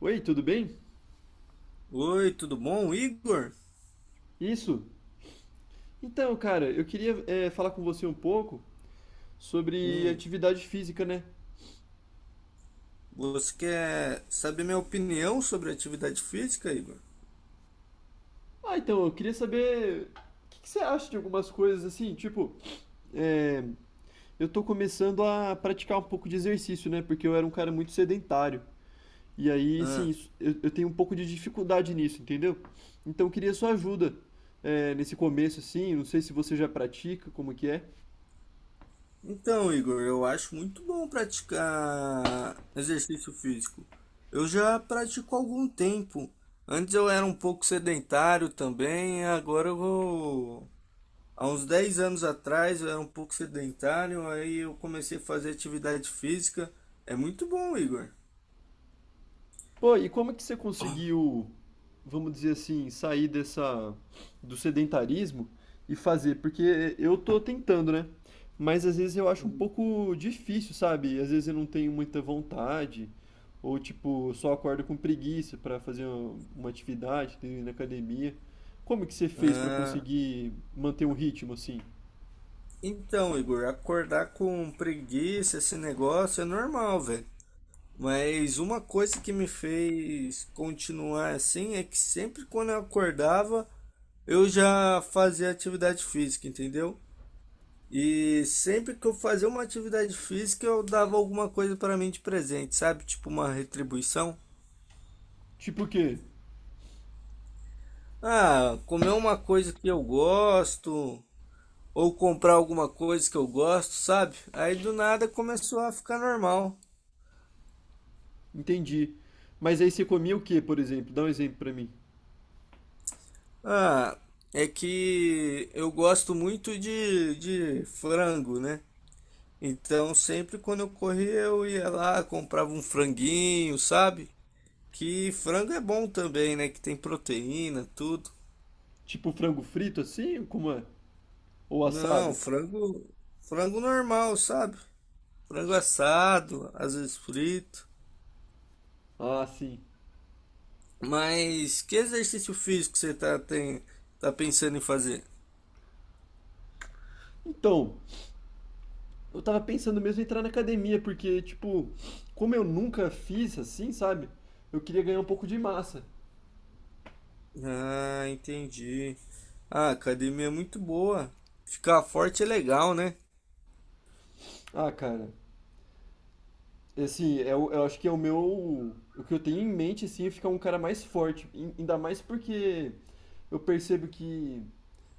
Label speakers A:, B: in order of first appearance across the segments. A: Oi, tudo bem?
B: Oi, tudo bom, Igor?
A: Isso. Então, cara, eu queria falar com você um pouco sobre
B: Hum,
A: atividade física, né?
B: você quer saber minha opinião sobre atividade física, Igor?
A: Ah, então, eu queria saber o que que você acha de algumas coisas assim, tipo, é, eu tô começando a praticar um pouco de exercício, né? Porque eu era um cara muito sedentário. E aí, sim,
B: Ah,
A: eu tenho um pouco de dificuldade nisso, entendeu? Então, eu queria sua ajuda nesse começo, assim. Não sei se você já pratica, como que é.
B: então, Igor, eu acho muito bom praticar exercício físico. Eu já pratico há algum tempo. Antes eu era um pouco sedentário também, agora eu vou... Há uns 10 anos atrás eu era um pouco sedentário, aí eu comecei a fazer atividade física. É muito bom, Igor.
A: Pô, e como é que você conseguiu, vamos dizer assim, sair dessa do sedentarismo e fazer? Porque eu tô tentando, né? Mas às vezes eu acho um pouco difícil, sabe? Às vezes eu não tenho muita vontade, ou tipo, só acordo com preguiça pra fazer uma atividade, ir na academia. Como que você fez pra
B: Hum.
A: conseguir manter um ritmo assim?
B: Então, Igor, acordar com preguiça, esse negócio é normal, velho. Mas uma coisa que me fez continuar assim é que sempre quando eu acordava, eu já fazia atividade física, entendeu? E sempre que eu fazia uma atividade física, eu dava alguma coisa para mim de presente, sabe? Tipo uma retribuição.
A: Tipo o quê?
B: Ah, comer uma coisa que eu gosto, ou comprar alguma coisa que eu gosto, sabe? Aí do nada começou a ficar normal.
A: Entendi. Mas aí você comia o quê, por exemplo? Dá um exemplo pra mim.
B: Ah, é que eu gosto muito de frango, né? Então, sempre quando eu corria, eu ia lá, comprava um franguinho, sabe? Que frango é bom também, né? Que tem proteína, tudo.
A: Tipo frango frito assim? Como é? Ou
B: Não,
A: assado?
B: frango, frango normal, sabe? Frango assado, às vezes frito.
A: Ah, sim.
B: Mas que exercício físico você tá pensando em fazer?
A: Então, eu tava pensando mesmo em entrar na academia, porque, tipo, como eu nunca fiz assim, sabe? Eu queria ganhar um pouco de massa.
B: Ah, entendi. Ah, a academia é muito boa. Ficar forte é legal, né?
A: Ah, cara, assim, eu acho que é o meu. O que eu tenho em mente, assim, é ficar um cara mais forte. Ainda mais porque eu percebo que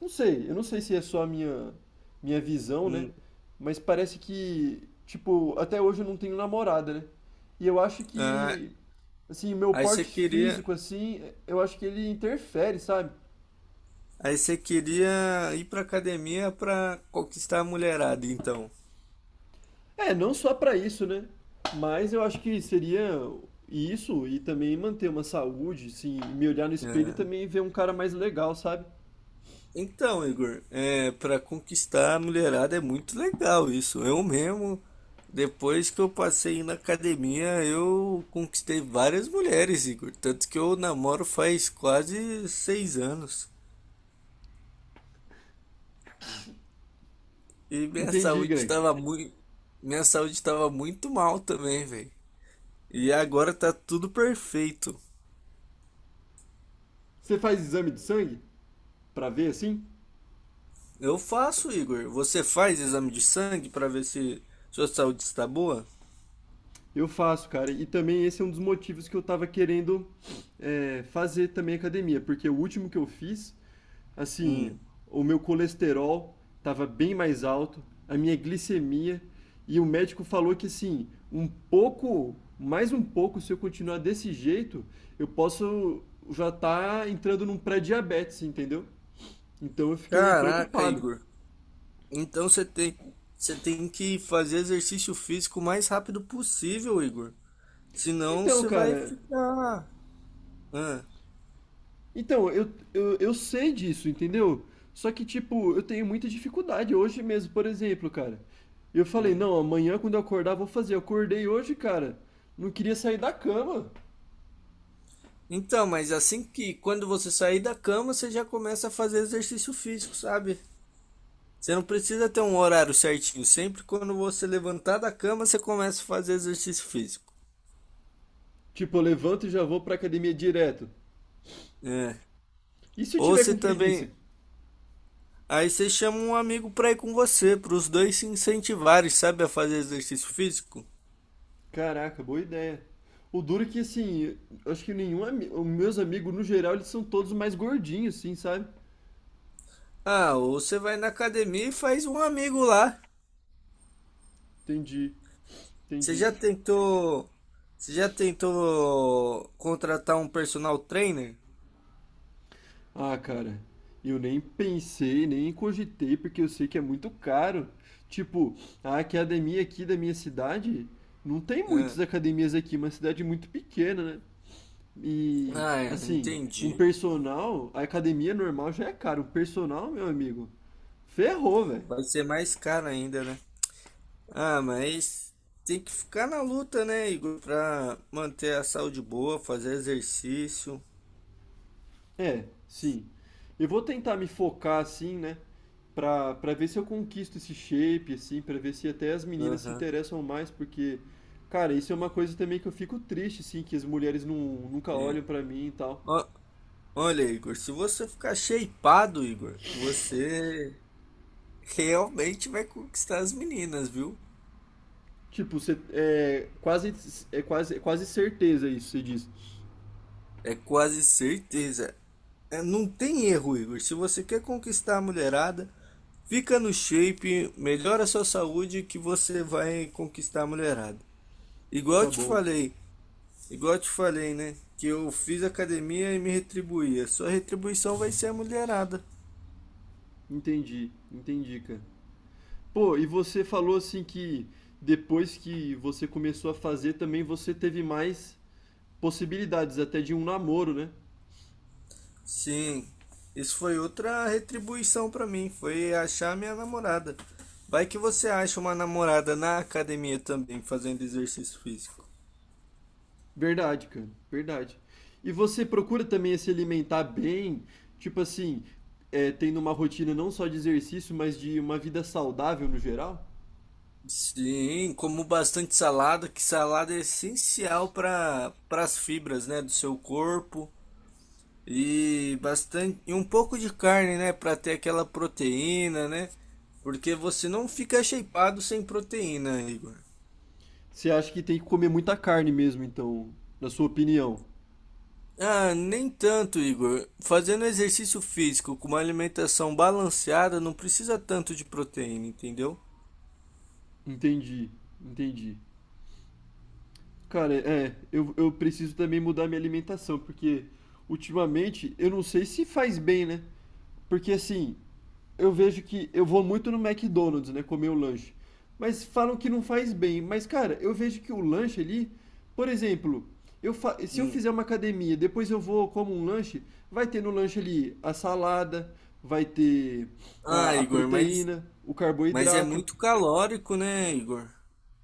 A: não sei, eu não sei se é só a minha visão, né?
B: Hum.
A: Mas parece que, tipo, até hoje eu não tenho namorada, né? E eu acho
B: Ah,
A: que, assim, meu
B: aí você
A: porte
B: queria,
A: físico, assim, eu acho que ele interfere, sabe?
B: aí você queria ir pra academia pra conquistar a mulherada, então.
A: É, não só pra isso, né? Mas eu acho que seria isso e também manter uma saúde, assim, me olhar no espelho e
B: Ah,
A: também ver um cara mais legal, sabe?
B: então, Igor, é, para conquistar a mulherada é muito legal isso. Eu mesmo, depois que eu passei na academia, eu conquistei várias mulheres, Igor. Tanto que eu namoro faz quase 6 anos. E
A: Entendi, Greg.
B: minha saúde estava muito mal também, velho. E agora tá tudo perfeito.
A: Você faz exame de sangue pra ver, assim?
B: Eu faço, Igor. Você faz exame de sangue para ver se sua saúde está boa?
A: Eu faço, cara. E também esse é um dos motivos que eu tava querendo fazer também academia, porque o último que eu fiz, assim,
B: Hum.
A: o meu colesterol tava bem mais alto, a minha glicemia, e o médico falou que, assim, um pouco, mais um pouco, se eu continuar desse jeito, eu posso já tá entrando num pré-diabetes, entendeu? Então eu fiquei
B: Caraca,
A: preocupado.
B: Igor. Então você tem, você tem que fazer exercício físico o mais rápido possível, Igor. Senão
A: Então,
B: você vai
A: cara,
B: ficar. Ah,
A: Então, eu sei disso, entendeu? Só que, tipo, eu tenho muita dificuldade hoje mesmo, por exemplo, cara. Eu falei,
B: hum.
A: não, amanhã quando eu acordar vou fazer. Eu acordei hoje, cara. Não queria sair da cama.
B: Então, mas assim que quando você sair da cama, você já começa a fazer exercício físico, sabe? Você não precisa ter um horário certinho. Sempre quando você levantar da cama, você começa a fazer exercício físico.
A: Tipo, eu levanto e já vou pra academia direto.
B: É.
A: E se eu
B: Ou
A: tiver
B: você
A: com
B: também.
A: preguiça?
B: Aí você chama um amigo pra ir com você, para os dois se incentivarem, sabe, a fazer exercício físico.
A: Caraca, boa ideia. O duro é que, assim, eu acho que nenhum meus amigos, no geral, eles são todos mais gordinhos, assim, sabe?
B: Ah, ou você vai na academia e faz um amigo lá.
A: Entendi,
B: Você
A: entendi.
B: já tentou. Você já tentou contratar um personal trainer?
A: Ah, cara, eu nem pensei, nem cogitei, porque eu sei que é muito caro. Tipo, a academia aqui da minha cidade, não tem
B: É.
A: muitas academias aqui, uma cidade muito pequena, né? E,
B: Ah, é,
A: assim, um
B: entendi.
A: personal, a academia normal já é caro, um personal, meu amigo, ferrou, velho.
B: Vai ser mais caro ainda, né? Ah, mas tem que ficar na luta, né, Igor, pra manter a saúde boa, fazer exercício.
A: É, sim. Eu vou tentar me focar assim, né? Pra ver se eu conquisto esse shape, assim, pra ver se até as meninas se
B: Aham,
A: interessam mais, porque, cara, isso é uma coisa também que eu fico triste, assim, que as mulheres não, nunca
B: sim.
A: olham pra mim e tal.
B: Ó- Olha, Igor, se você ficar shapeado, Igor, você realmente vai conquistar as meninas, viu?
A: Tipo, você, é quase certeza isso, você diz.
B: É quase certeza. É, não tem erro, Igor. Se você quer conquistar a mulherada, fica no shape, melhora a sua saúde que você vai conquistar a mulherada. Igual eu
A: Tá
B: te
A: bom,
B: falei, Igual eu te falei, né? Que eu fiz academia e me retribuía. Sua retribuição vai ser a mulherada.
A: entendi, entendi, cara. Pô, e você falou assim que depois que você começou a fazer também você teve mais possibilidades até de um namoro, né?
B: Sim, isso foi outra retribuição pra mim. Foi achar minha namorada. Vai que você acha uma namorada na academia também, fazendo exercício físico.
A: Verdade, cara, verdade. E você procura também se alimentar bem, tipo assim, tendo uma rotina não só de exercício, mas de uma vida saudável no geral?
B: Sim, como bastante salada, que salada é essencial para as fibras, né, do seu corpo. E bastante, e um pouco de carne, né, para ter aquela proteína, né? Porque você não fica shapeado sem proteína, Igor.
A: Você acha que tem que comer muita carne mesmo, então, na sua opinião?
B: Ah, nem tanto, Igor. Fazendo exercício físico com uma alimentação balanceada não precisa tanto de proteína, entendeu?
A: Entendi, entendi. Cara, é, eu preciso também mudar minha alimentação, porque ultimamente eu não sei se faz bem, né? Porque assim, eu vejo que eu vou muito no McDonald's, né, comer o lanche. Mas falam que não faz bem. Mas, cara, eu vejo que o lanche ali, por exemplo, se eu
B: Hum.
A: fizer uma academia, depois eu vou como um lanche, vai ter no lanche ali a salada, vai ter
B: Ah,
A: a
B: Igor, mas
A: proteína, o
B: mas é
A: carboidrato.
B: muito calórico, né, Igor?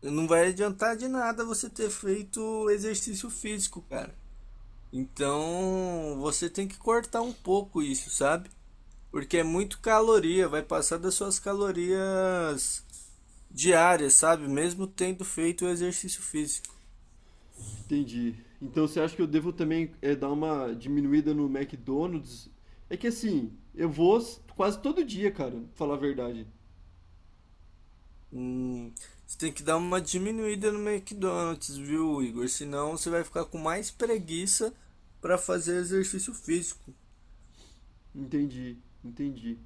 B: Não vai adiantar de nada você ter feito exercício físico, cara. Então, você tem que cortar um pouco isso, sabe? Porque é muito caloria, vai passar das suas calorias diárias, sabe? Mesmo tendo feito o exercício físico.
A: Entendi. Então você acha que eu devo também dar uma diminuída no McDonald's? É que assim, quase todo dia, cara, pra falar a verdade.
B: Hum, você tem que dar uma diminuída no McDonald's, viu, Igor? Senão você vai ficar com mais preguiça para fazer exercício físico.
A: Entendi, entendi.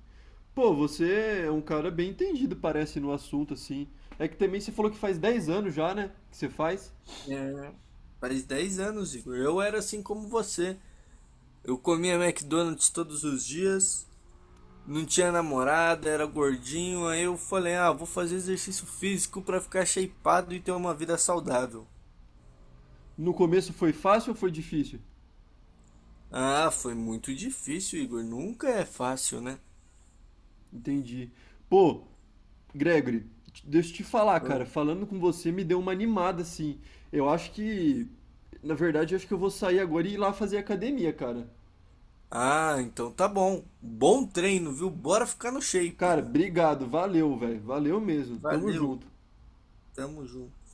A: Pô, você é um cara bem entendido, parece, no assunto, assim. É que também você falou que faz 10 anos já, né? Que você faz.
B: É, faz 10 anos, Igor. Eu era assim como você. Eu comia McDonald's todos os dias, não tinha namorada, era gordinho. Aí eu falei, ah, vou fazer exercício físico pra ficar shapeado e ter uma vida saudável.
A: No começo foi fácil ou foi difícil?
B: Ah, foi muito difícil, Igor. Nunca é fácil, né?
A: Entendi. Pô, Gregory, deixa eu te falar, cara,
B: Foi.
A: falando com você me deu uma animada, assim. Eu acho que, na verdade, eu acho que eu vou sair agora e ir lá fazer academia, cara.
B: Ah, então tá bom. Bom treino, viu? Bora ficar no
A: Cara,
B: shape.
A: obrigado, valeu, velho, valeu mesmo. Tamo
B: Valeu,
A: junto.
B: tamo junto.